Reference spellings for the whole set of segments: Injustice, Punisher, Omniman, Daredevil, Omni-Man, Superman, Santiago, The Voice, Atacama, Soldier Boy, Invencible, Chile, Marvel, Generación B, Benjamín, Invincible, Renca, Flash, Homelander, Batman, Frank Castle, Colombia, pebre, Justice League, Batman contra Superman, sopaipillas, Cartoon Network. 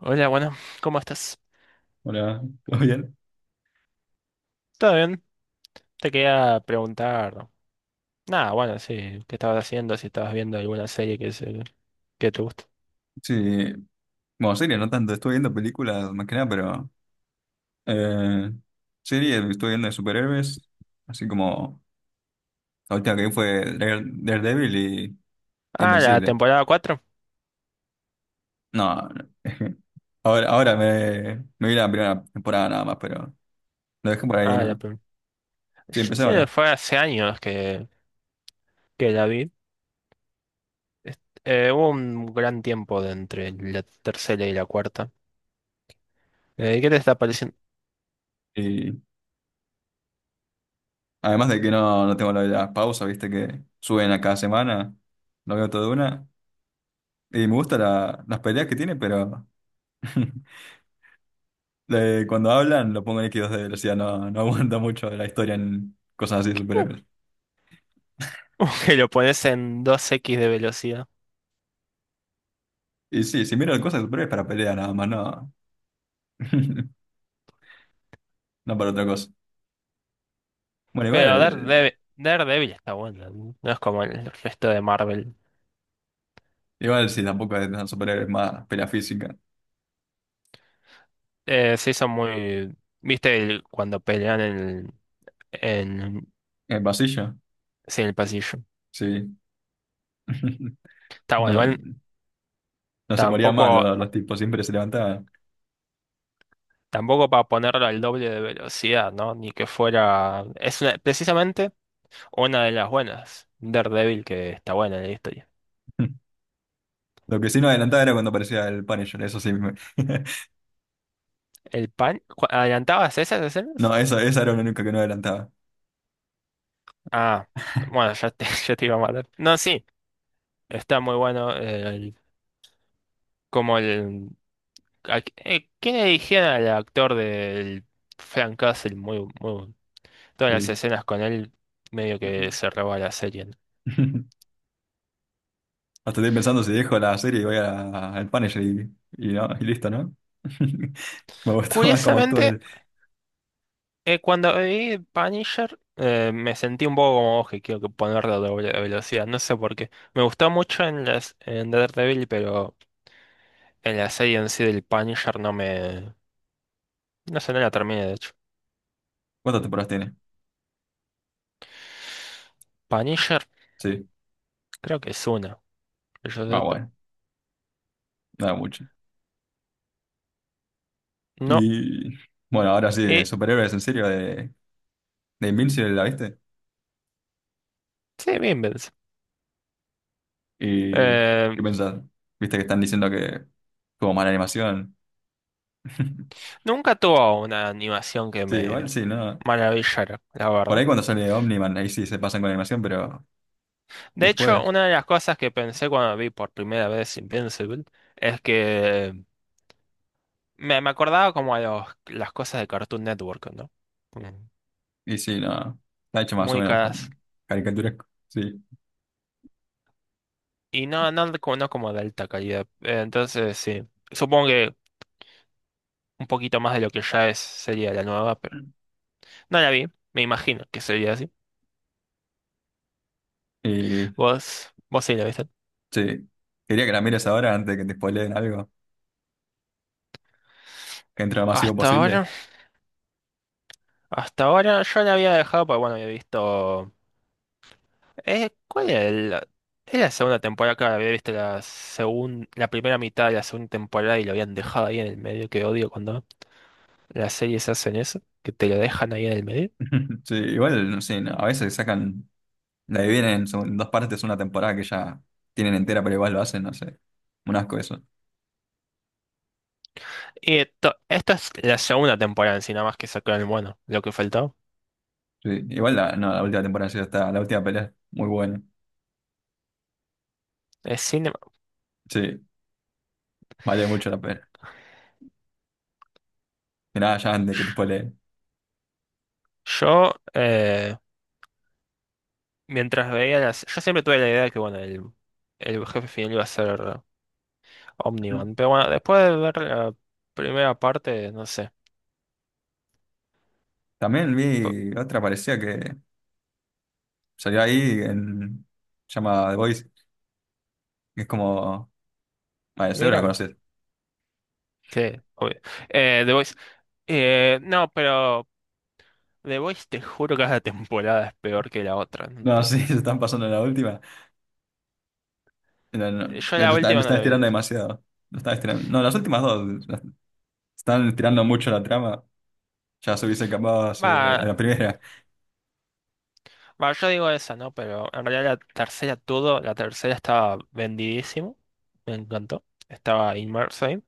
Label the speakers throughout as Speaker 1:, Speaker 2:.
Speaker 1: Hola, bueno, ¿cómo estás?
Speaker 2: Hola, ¿todo bien?
Speaker 1: ¿Todo bien? Te quería preguntar. Nada, bueno, sí, ¿qué estabas haciendo? Si estabas viendo alguna serie que, que te gusta.
Speaker 2: Sí, bueno, serie no tanto, estoy viendo películas más que nada, pero eh, serie estoy viendo de superhéroes, así como la última que vi fue Dare- Daredevil y
Speaker 1: Ah, la
Speaker 2: Invencible.
Speaker 1: temporada 4.
Speaker 2: No, no. Ahora me vi la primera temporada nada más, pero lo dejé por ahí,
Speaker 1: Ah, la
Speaker 2: ¿no?
Speaker 1: primera. Yo
Speaker 2: Sí, empecé
Speaker 1: sí,
Speaker 2: ahora.
Speaker 1: fue hace años que la vi. Hubo un gran tiempo de entre la tercera y la cuarta. ¿Qué te está pareciendo?
Speaker 2: Y además de que no tengo la pausa, viste que suben a cada semana, lo veo todo de una, y las peleas que tiene, pero... cuando hablan, lo pongo en X2 de velocidad, no aguanta mucho la historia en cosas así de superhéroes.
Speaker 1: Que lo pones en 2x de velocidad.
Speaker 2: Y sí, si miro cosas de superhéroes para pelea nada más, no, no para otra cosa. Bueno,
Speaker 1: Pero
Speaker 2: igual,
Speaker 1: Daredevil, Daredevil está bueno, no. No es como el resto de Marvel.
Speaker 2: igual sí, tampoco es tan superhéroes más pelea física.
Speaker 1: Sí, son muy... ¿Viste cuando pelean en,
Speaker 2: En el pasillo,
Speaker 1: sí, en el pasillo?
Speaker 2: sí.
Speaker 1: Está bueno,
Speaker 2: No,
Speaker 1: igual
Speaker 2: no se morían más
Speaker 1: tampoco,
Speaker 2: los tipos, siempre se levantaban.
Speaker 1: tampoco para ponerlo al doble de velocidad, ¿no? Ni que fuera... Es precisamente una de las buenas. Daredevil, que está buena en la historia.
Speaker 2: Lo que sí no adelantaba era cuando aparecía el Punisher, eso sí.
Speaker 1: ¿El pan? ¿Adelantabas esas escenas?
Speaker 2: No, eso, esa era la única que no adelantaba.
Speaker 1: Ah, bueno, ya te iba a matar. No, sí, está muy bueno como el... ¿Quién eligieron al actor del Frank Castle? Muy, muy. Todas las
Speaker 2: Sí.
Speaker 1: escenas con él medio que se roba la serie, ¿no?
Speaker 2: Hasta estoy pensando si dejo la serie y voy a- al Punisher y, no, y listo, ¿no? Me gusta más cómo actúa
Speaker 1: Curiosamente,
Speaker 2: él.
Speaker 1: cuando vi Punisher, me sentí un poco como vos que quiero que ponerlo a doble velocidad. No sé por qué. Me gustó mucho en Daredevil, pero en la serie en sí del Punisher no me. No sé, no la terminé, de hecho.
Speaker 2: ¿Cuántas temporadas tiene?
Speaker 1: Punisher,
Speaker 2: Sí.
Speaker 1: creo que es una, que yo
Speaker 2: Ah,
Speaker 1: sepa.
Speaker 2: bueno, nada mucho.
Speaker 1: No.
Speaker 2: Y bueno, ahora sí,
Speaker 1: Y
Speaker 2: superhéroes en serio de Invincible, ¿la viste?
Speaker 1: sí, bien.
Speaker 2: ¿Y
Speaker 1: Eh,
Speaker 2: qué pensás? ¿Viste que están diciendo que como mala animación?
Speaker 1: Nunca tuvo una animación que
Speaker 2: Sí, igual
Speaker 1: me
Speaker 2: sí, ¿no?
Speaker 1: maravillara, la
Speaker 2: Por
Speaker 1: verdad.
Speaker 2: ahí cuando sale Omniman, ahí sí se pasan con la animación, pero
Speaker 1: De hecho,
Speaker 2: después.
Speaker 1: una de las cosas que pensé cuando vi por primera vez Invincible es que me acordaba como a las cosas de Cartoon Network, ¿no? Como
Speaker 2: Y sí, no. Está hecho más o
Speaker 1: muy
Speaker 2: menos
Speaker 1: caras.
Speaker 2: con caricaturesco. Sí.
Speaker 1: Y no, no, no como de alta calidad. Entonces, sí. Supongo que un poquito más de lo que ya es sería la nueva, pero no la vi. Me imagino que sería así.
Speaker 2: Y
Speaker 1: Vos sí la viste.
Speaker 2: sí. Quería que la mires ahora antes de que te spoileen algo. Que entre lo más masivo
Speaker 1: Hasta
Speaker 2: posible.
Speaker 1: ahora, hasta ahora yo la había dejado, porque bueno, había visto. ¿Cuál era, el? Es la segunda temporada, claro, había visto la la primera mitad de la segunda temporada y lo habían dejado ahí en el medio, que odio cuando las series hacen eso, que te lo dejan ahí en el medio.
Speaker 2: Sí, igual, no sé, no, la dividen en, son- en dos partes una temporada que ya tienen entera, pero igual lo hacen, no sé. Un asco eso.
Speaker 1: Y esta es la segunda temporada en sí, nada más que sacaron, bueno, lo que faltó.
Speaker 2: Sí, no, la última temporada sí está, la última pelea, muy buena.
Speaker 1: Es cinema.
Speaker 2: Sí, vale mucho la pena. Y nada, ya antes que te spoileen.
Speaker 1: Yo, eh, Mientras veía las... Yo siempre tuve la idea de que, bueno, el jefe final iba a ser Omniman, pero bueno, después de ver la primera parte, no sé.
Speaker 2: También
Speaker 1: P-
Speaker 2: vi otra parecía que salió ahí en, se llama The Voice, que es como, vale, seguro
Speaker 1: Mira
Speaker 2: la
Speaker 1: vos.
Speaker 2: conoces.
Speaker 1: Sí, obvio. The Voice. No, pero... The Voice, te juro que cada temporada es peor que la otra, no
Speaker 2: No,
Speaker 1: entiendo.
Speaker 2: sí, se están pasando en la última. No, no,
Speaker 1: Yo la
Speaker 2: lo
Speaker 1: última no
Speaker 2: están
Speaker 1: la vi.
Speaker 2: estirando demasiado. Lo están estirando. No, las últimas dos las- están estirando mucho la trama. Ya se hubiese acabado hace- a
Speaker 1: Va,
Speaker 2: la primera.
Speaker 1: va, yo digo esa, ¿no? Pero en realidad la tercera estaba vendidísimo, me encantó. Estaba inmerso ahí.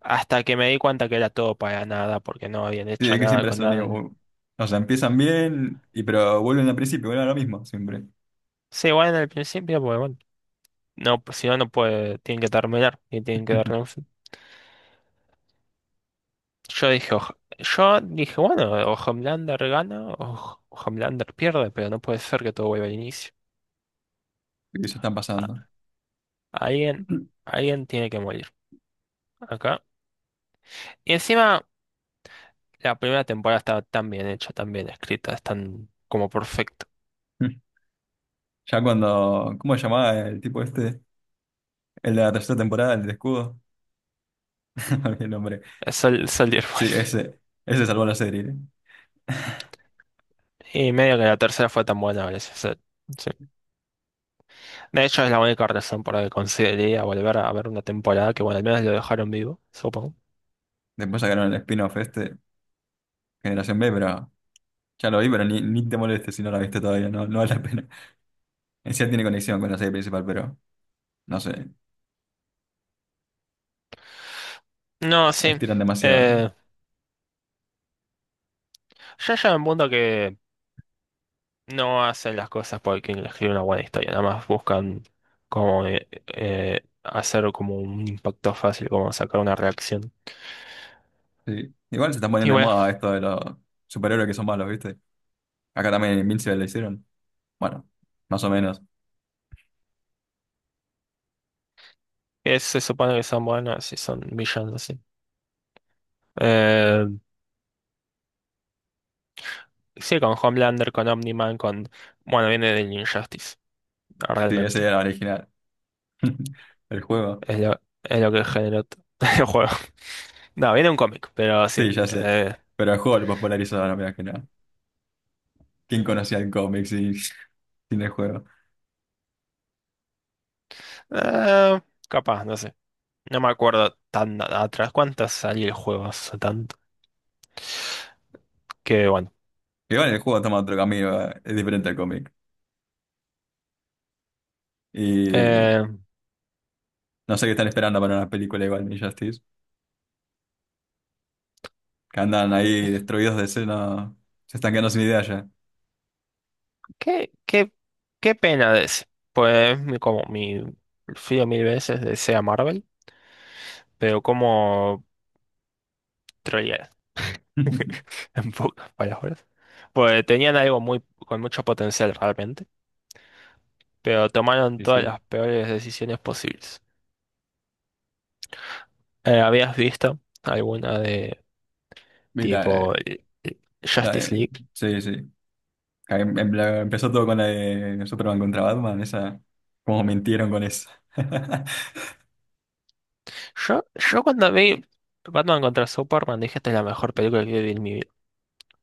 Speaker 1: Hasta que me di cuenta que era todo para nada, porque no habían
Speaker 2: Sí,
Speaker 1: hecho
Speaker 2: es que
Speaker 1: nada
Speaker 2: siempre es
Speaker 1: con
Speaker 2: lo
Speaker 1: nada.
Speaker 2: mismo. O sea, empiezan bien, y, pero vuelven al principio, vuelven a lo mismo siempre.
Speaker 1: Sí, bueno, en el principio, pues bueno, no, pues, si no, no puede, tienen que terminar y tienen que darle un fin. Yo dije, bueno, o Homelander gana o Homelander pierde, pero no puede ser que todo vuelva al inicio.
Speaker 2: Y se están pasando.
Speaker 1: Alguien, alguien tiene que morir acá. Y encima, la primera temporada está tan bien hecha, tan bien escrita, es tan como perfecto.
Speaker 2: Ya cuando. ¿Cómo se llamaba el tipo este? El de la tercera temporada, el de escudo. No olvidé el nombre.
Speaker 1: Es el Soldier Boy.
Speaker 2: Sí, ese. Ese salvó la serie. ¿Eh?
Speaker 1: Y medio que la tercera fue tan buena gracias veces. Sí. De hecho, es la única razón por la que consideraría volver a ver una temporada que, bueno, al menos lo dejaron vivo, supongo.
Speaker 2: Después sacaron el spin-off este, Generación B, pero. Ya lo vi, pero ni te molestes si no la viste todavía, no, no vale la pena. En sí tiene conexión con la serie principal, pero no sé,
Speaker 1: No, sí.
Speaker 2: estiran demasiado.
Speaker 1: Eh, ya llega un punto que no hacen las cosas porque escribe una buena historia. Nada más buscan como hacer como un impacto fácil, como sacar una reacción.
Speaker 2: Sí. Igual se están
Speaker 1: Y
Speaker 2: poniendo de
Speaker 1: bueno,
Speaker 2: moda esto de los superhéroes que son malos, ¿viste? Acá también en Invincible le hicieron. Bueno, más o menos.
Speaker 1: se supone que son buenos y son villanos así. Eh, sí, con Homelander, con Omni-Man, con... Bueno, viene del Injustice,
Speaker 2: Sí, ese
Speaker 1: realmente.
Speaker 2: era el original. El juego.
Speaker 1: Es lo que generó el juego. No, viene un cómic, pero sí.
Speaker 2: Sí, ya sé. Pero el juego lo popularizaron, mirá que no. ¿Quién conocía el cómic sin, sin el juego?
Speaker 1: Eh, Capaz, no sé. No me acuerdo tan atrás cuántas salió el juego hace tanto. Que bueno.
Speaker 2: Igual el juego toma otro camino, es diferente al cómic. Y
Speaker 1: Eh,
Speaker 2: no sé qué están esperando para una película igual de Injustice. Que andan ahí destruidos de escena. Se están quedando sin idea ya.
Speaker 1: qué, qué, Qué pena de ese. Pues como mi... Fío mil veces de sea Marvel, pero como... En pocas palabras. Pues tenían algo muy, con mucho potencial realmente, pero tomaron
Speaker 2: Sí,
Speaker 1: todas
Speaker 2: sí.
Speaker 1: las peores decisiones posibles. ¿Habías visto alguna de
Speaker 2: Y la,
Speaker 1: tipo
Speaker 2: la
Speaker 1: Justice
Speaker 2: de-
Speaker 1: League?
Speaker 2: sí, sí. Empezó todo con la de Superman contra Batman, esa, como mintieron con esa.
Speaker 1: Yo, yo cuando vi Batman contra Superman dije esta es la mejor película que vi en mi vida.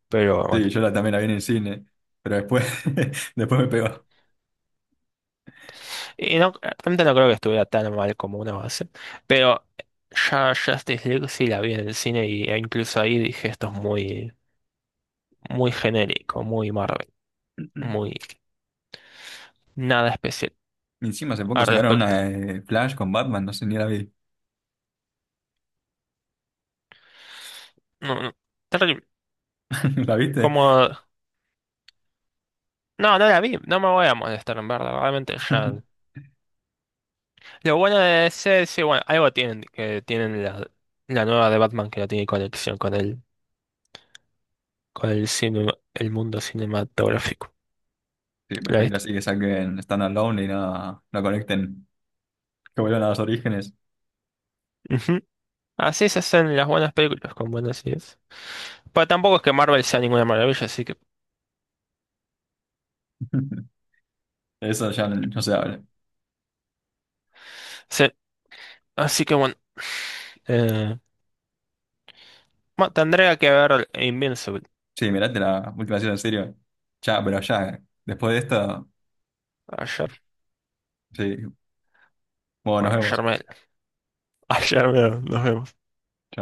Speaker 1: Pero bueno,
Speaker 2: Sí, también la vi en el cine, pero después, después me pegó.
Speaker 1: y no, realmente no creo que estuviera tan mal como una base. Pero ya Justice League sí la vi en el cine y, e incluso ahí dije esto es muy, muy genérico, muy Marvel, muy... Nada especial
Speaker 2: Y encima hace poco
Speaker 1: al
Speaker 2: sacaron
Speaker 1: respecto.
Speaker 2: una de Flash con Batman, no sé, ni la vi.
Speaker 1: No, no. Terrible.
Speaker 2: ¿La viste?
Speaker 1: Como... No, no la vi. No me voy a molestar, en verdad. Realmente ya... Lo bueno de ese, sí, bueno, algo tienen, que tienen la nueva de Batman que no tiene conexión con el, cine, el mundo cinematográfico.
Speaker 2: Sí,
Speaker 1: ¿La
Speaker 2: prefiero
Speaker 1: viste?
Speaker 2: así que saquen Stand Alone y no conecten, que vuelvan a los orígenes.
Speaker 1: Ujú. Así se hacen las buenas películas, con buenas ideas. Pero tampoco es que Marvel sea ninguna maravilla, así que...
Speaker 2: Eso ya no se habla.
Speaker 1: Sí, así que bueno. Eh, bueno, tendría que ver Invincible.
Speaker 2: Sí, mirate la última serie en serio. Ya, pero ya, después de esto,
Speaker 1: Ayer.
Speaker 2: sí. Bueno, nos
Speaker 1: Bueno, ayer
Speaker 2: vemos.
Speaker 1: me... Ayer me... Nos vemos.
Speaker 2: Chao.